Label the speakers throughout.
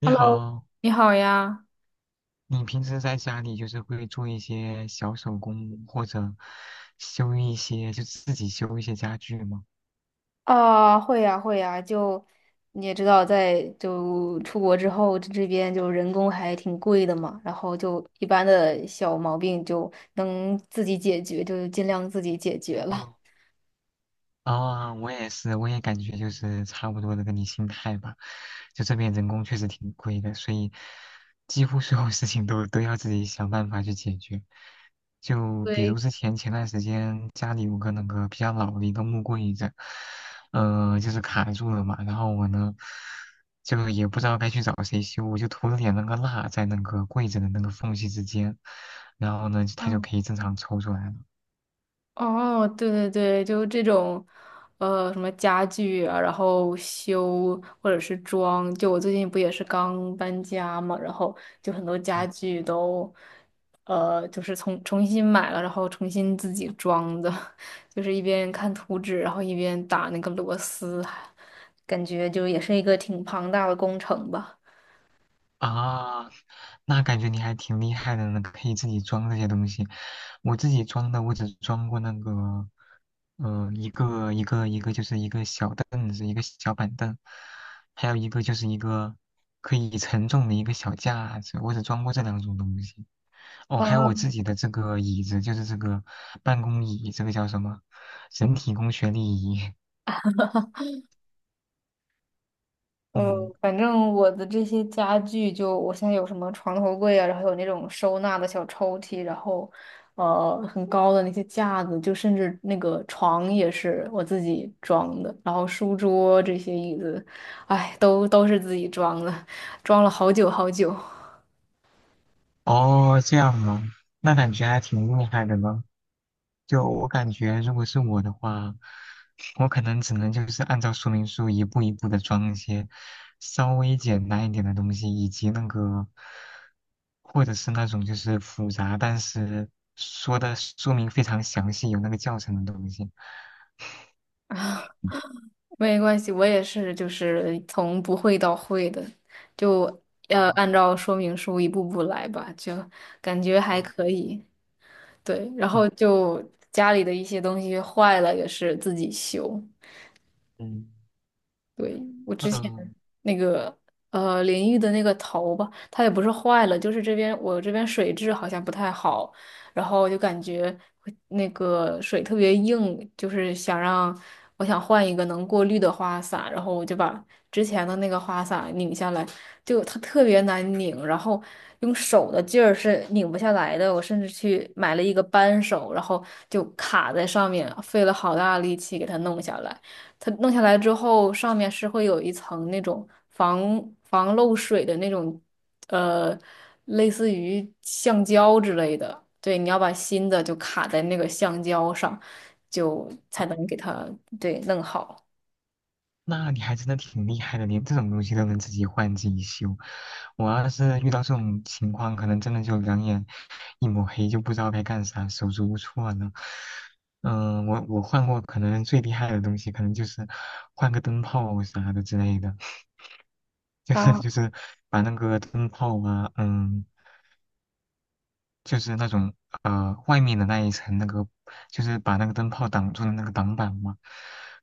Speaker 1: 你
Speaker 2: Hello,
Speaker 1: 好，
Speaker 2: 你好呀。
Speaker 1: 你平时在家里就是会做一些小手工，或者修一些，就自己修一些家具吗？
Speaker 2: 啊，会呀，会呀，就你也知道，在就出国之后，这这边就人工还挺贵的嘛，然后就一般的小毛病就能自己解决，就尽量自己解决了。
Speaker 1: 嗯啊，我也是，我也感觉就是差不多的跟你心态吧。就这边人工确实挺贵的，所以几乎所有事情都要自己想办法去解决。就比如
Speaker 2: 对，
Speaker 1: 之前前段时间家里有个那个比较老的一个木柜子，就是卡住了嘛，然后我呢就也不知道该去找谁修，我就涂了点那个蜡在那个柜子的那个缝隙之间，然后呢它就
Speaker 2: 嗯。
Speaker 1: 可以正常抽出来了。
Speaker 2: 哦，对对对，就这种，什么家具啊，然后修或者是装，就我最近不也是刚搬家嘛，然后就很多家具都，就是重新买了，然后重新自己装的。就是一边看图纸，然后一边打那个螺丝，感觉就也是一个挺庞大的工程吧。
Speaker 1: 啊，那感觉你还挺厉害的呢，可以自己装这些东西。我自己装的，我只装过那个，呃，一个就是一个小凳子，一个小板凳，还有一个就是一个可以承重的一个小架子，我只装过这两种东西。哦，还
Speaker 2: 哇。
Speaker 1: 有我自己的这个椅子，就是这个办公椅，这个叫什么？人体工学椅。
Speaker 2: 嗯，
Speaker 1: 嗯，
Speaker 2: 反正我的这些家具就，我现在有什么床头柜啊，然后有那种收纳的小抽屉，然后很高的那些架子，就甚至那个床也是我自己装的，然后书桌这些椅子，哎，都是自己装的，装了好久好久。
Speaker 1: 哦，这样吗？那感觉还挺厉害的呢。就我感觉，如果是我的话，我可能只能就是按照说明书一步一步的装一些稍微简单一点的东西，以及那个，或者是那种就是复杂，但是说的说明非常详细，有那个教程的东西。
Speaker 2: 没关系，我也是，就是从不会到会的，就
Speaker 1: 啊
Speaker 2: 按照说明书一步步来吧，就感觉还
Speaker 1: 啊
Speaker 2: 可以。对，然
Speaker 1: 啊
Speaker 2: 后就家里的一些东西坏了，也是自己修。
Speaker 1: 嗯
Speaker 2: 对，我之前
Speaker 1: 嗯。
Speaker 2: 那个淋浴的那个头吧，它也不是坏了，就是这边我这边水质好像不太好，然后我就感觉会那个水特别硬，就是想让我想换一个能过滤的花洒，然后我就把之前的那个花洒拧下来，就它特别难拧，然后用手的劲儿是拧不下来的，我甚至去买了一个扳手，然后就卡在上面，费了好大力气给它弄下来。它弄下来之后，上面是会有一层那种防漏水的那种，呃，类似于橡胶之类的。对，你要把新的就卡在那个橡胶上，就才能给它对弄好。
Speaker 1: 那你还真的挺厉害的，连这种东西都能自己换自己修。我要是遇到这种情况，可能真的就两眼一抹黑，就不知道该干啥，手足无措呢。嗯、我换过，可能最厉害的东西，可能就是换个灯泡啥的之类的，就是就
Speaker 2: 啊。
Speaker 1: 是把那个灯泡啊，嗯，就是那种外面的那一层那个，就是把那个灯泡挡住的那个挡板嘛，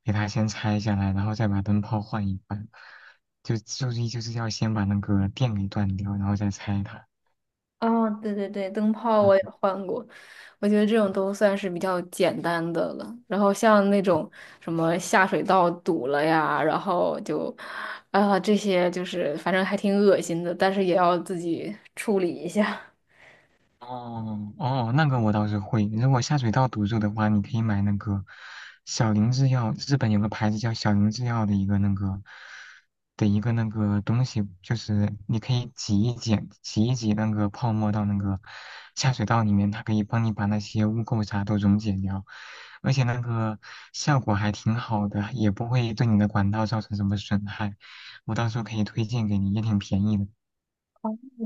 Speaker 1: 给它先拆下来，然后再把灯泡换一换，就注意就是要先把那个电给断掉，然后再拆它。
Speaker 2: 哦，对对对，灯泡我也
Speaker 1: 嗯
Speaker 2: 换过，我觉得这种都算是比较简单的了。然后像那种什么下水道堵了呀，然后就，啊、这些就是反正还挺恶心的，但是也要自己处理一下。
Speaker 1: 哦哦，那个我倒是会。如果下水道堵住的话，你可以买那个小林制药，日本有个牌子叫小林制药的一个那个的一个那个东西，就是你可以挤一挤，挤一挤那个泡沫到那个下水道里面，它可以帮你把那些污垢啥都溶解掉，而且那个效果还挺好的，也不会对你的管道造成什么损害。我到时候可以推荐给你，也挺便宜的。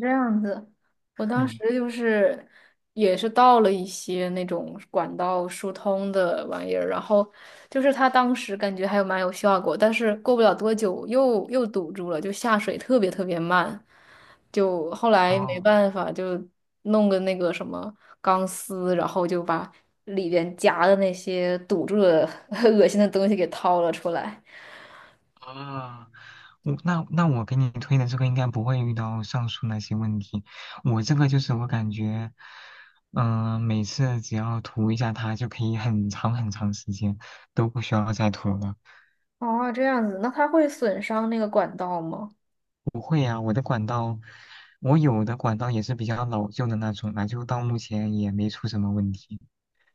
Speaker 2: 这样子，我当时
Speaker 1: 嗯。
Speaker 2: 就是也是倒了一些那种管道疏通的玩意儿，然后就是他当时感觉还有蛮有效果，但是过不了多久又堵住了，就下水特别特别慢，就后来没
Speaker 1: 哦。
Speaker 2: 办法就弄个那个什么钢丝，然后就把里边夹的那些堵住的 恶心的东西给掏了出来。
Speaker 1: 啊，我那我给你推的这个应该不会遇到上述那些问题。我这个就是我感觉，嗯、每次只要涂一下它就可以很长很长时间都不需要再涂了。
Speaker 2: 哦，这样子，那它会损伤那个管道吗？
Speaker 1: 不会啊，我的管道，我有的管道也是比较老旧的那种了，就到目前也没出什么问题。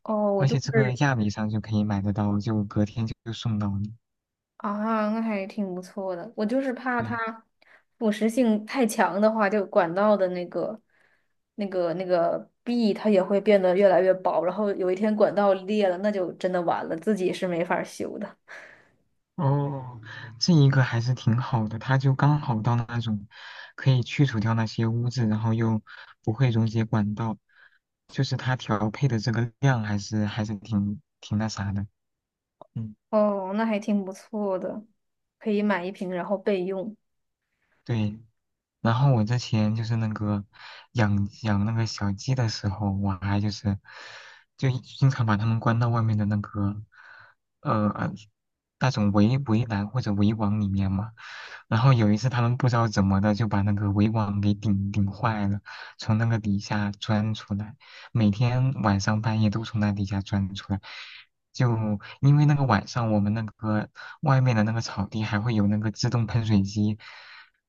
Speaker 2: 哦，我
Speaker 1: 而
Speaker 2: 就
Speaker 1: 且这个
Speaker 2: 是。
Speaker 1: 亚米上就可以买得到，就隔天就送到你。
Speaker 2: 啊，那还挺不错的。我就是怕
Speaker 1: 对
Speaker 2: 它腐蚀性太强的话，就管道的那个、那个、那个壁，它也会变得越来越薄。然后有一天管道裂了，那就真的完了，自己是没法儿修的。
Speaker 1: 哦，这一个还是挺好的，它就刚好到那种可以去除掉那些污渍，然后又不会溶解管道，就是它调配的这个量还是挺挺那啥的。嗯，
Speaker 2: 哦，那还挺不错的，可以买一瓶然后备用。
Speaker 1: 对，然后我之前就是那个养那个小鸡的时候，我还就是就经常把它们关到外面的那个呃呃那种围栏或者围网里面嘛。然后有一次他们不知道怎么的就把那个围网给顶坏了，从那个底下钻出来，每天晚上半夜都从那底下钻出来。就因为那个晚上我们那个外面的那个草地还会有那个自动喷水机。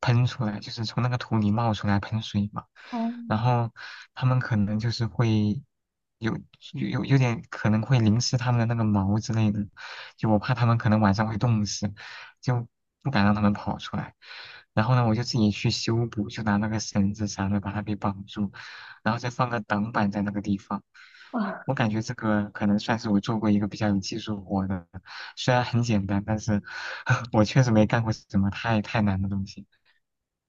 Speaker 1: 喷出来，就是从那个土里冒出来喷水嘛。
Speaker 2: 哦。
Speaker 1: 然后他们可能就是会有有有点可能会淋湿他们的那个毛之类的，就我怕他们可能晚上会冻死，就不敢让他们跑出来。然后呢，我就自己去修补，就拿那个绳子啥的把它给绑住，然后再放个挡板在那个地方。
Speaker 2: 啊。
Speaker 1: 我感觉这个可能算是我做过一个比较有技术活的，虽然很简单，但是 我确实没干过什么太难的东西。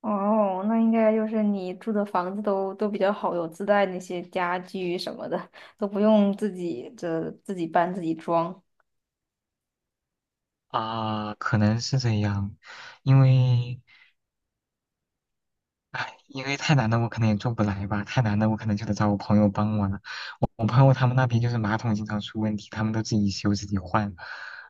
Speaker 2: 哦，那应该就是你住的房子都比较好，有自带那些家具什么的，都不用自己这自己搬自己装。
Speaker 1: 啊，可能是这样，因为，哎，因为太难的我可能也做不来吧，太难的我可能就得找我朋友帮我了。我朋友他们那边就是马桶经常出问题，他们都自己修自己换，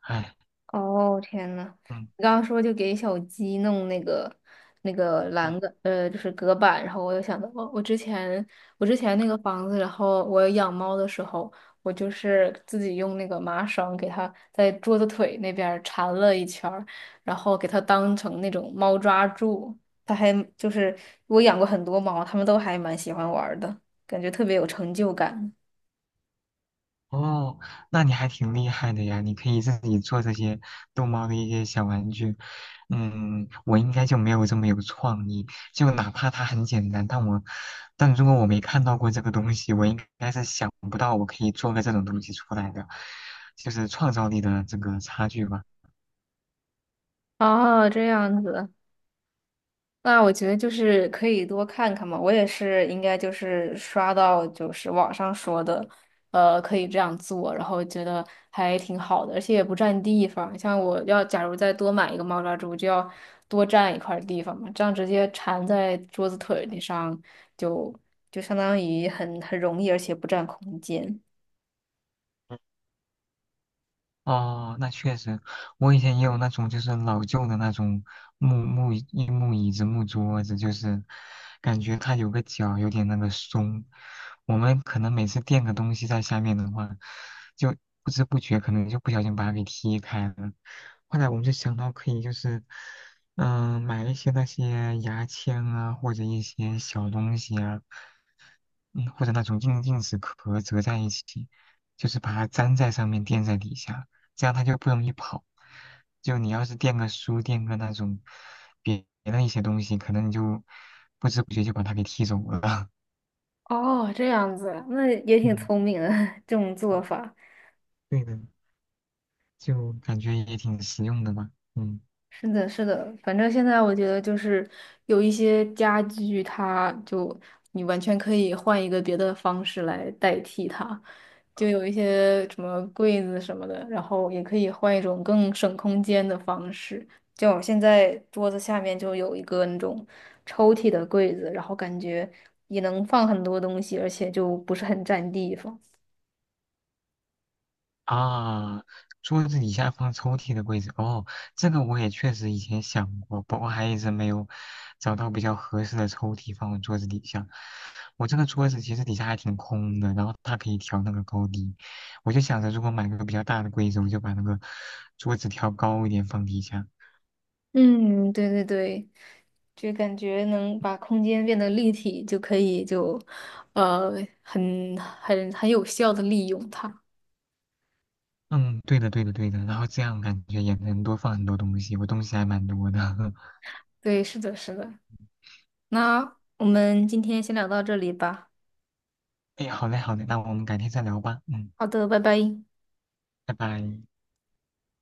Speaker 1: 哎，
Speaker 2: 哦，天呐，
Speaker 1: 嗯
Speaker 2: 你刚刚说就给小鸡弄那个那个
Speaker 1: 嗯
Speaker 2: 栏杆，呃，就是隔板，然后我又想到，我之前我之前那个房子，然后我养猫的时候，我就是自己用那个麻绳给它在桌子腿那边儿缠了一圈儿然后给它当成那种猫抓柱，它还就是我养过很多猫，它们都还蛮喜欢玩儿的，感觉特别有成就感。
Speaker 1: 哦，那你还挺厉害的呀！你可以自己做这些逗猫的一些小玩具。嗯，我应该就没有这么有创意。就哪怕它很简单，但我，但如果我没看到过这个东西，我应该是想不到我可以做个这种东西出来的，就是创造力的这个差距吧。
Speaker 2: 哦，这样子。那我觉得就是可以多看看嘛，我也是应该就是刷到就是网上说的，可以这样做，然后觉得还挺好的，而且也不占地方。像我要假如再多买一个猫抓猪，就要多占一块儿地方嘛，这样直接缠在桌子腿儿上就就相当于很很容易，而且不占空间。
Speaker 1: 哦，那确实，我以前也有那种就是老旧的那种木椅子、木桌子，就是感觉它有个角有点那个松。我们可能每次垫个东西在下面的话，就不知不觉可能就不小心把它给踢开了。后来我们就想到可以就是，嗯、买一些那些牙签啊，或者一些小东西啊，嗯，或者那种硬纸壳折在一起，就是把它粘在上面，垫在底下，这样它就不容易跑。就你要是垫个书，垫个那种别的一些东西，可能你就不知不觉就把它给踢走了。
Speaker 2: 哦，这样子，那也挺
Speaker 1: 嗯，
Speaker 2: 聪明的 这种做法。
Speaker 1: 对的，就感觉也挺实用的吧。嗯。
Speaker 2: 是的，是的，反正现在我觉得就是有一些家具，它就你完全可以换一个别的方式来代替它，就有一些什么柜子什么的，然后也可以换一种更省空间的方式。就我现在桌子下面就有一个那种抽屉的柜子，然后感觉也能放很多东西，而且就不是很占地方。
Speaker 1: 啊，桌子底下放抽屉的柜子，哦，这个我也确实以前想过，不过还一直没有找到比较合适的抽屉放我桌子底下。我这个桌子其实底下还挺空的，然后它可以调那个高低。我就想着，如果买个比较大的柜子，我就把那个桌子调高一点放底下。
Speaker 2: 嗯，对对对。就感觉能把空间变得立体，就可以就，呃，很有效的利用它。
Speaker 1: 嗯，对的，对的，对的。然后这样感觉也能多放很多东西，我东西还蛮多的。
Speaker 2: 对，是的，是的。那我们今天先聊到这里吧。
Speaker 1: 哎，好嘞，好嘞，那我们改天再聊吧。嗯，
Speaker 2: 好的，拜拜。
Speaker 1: 拜拜。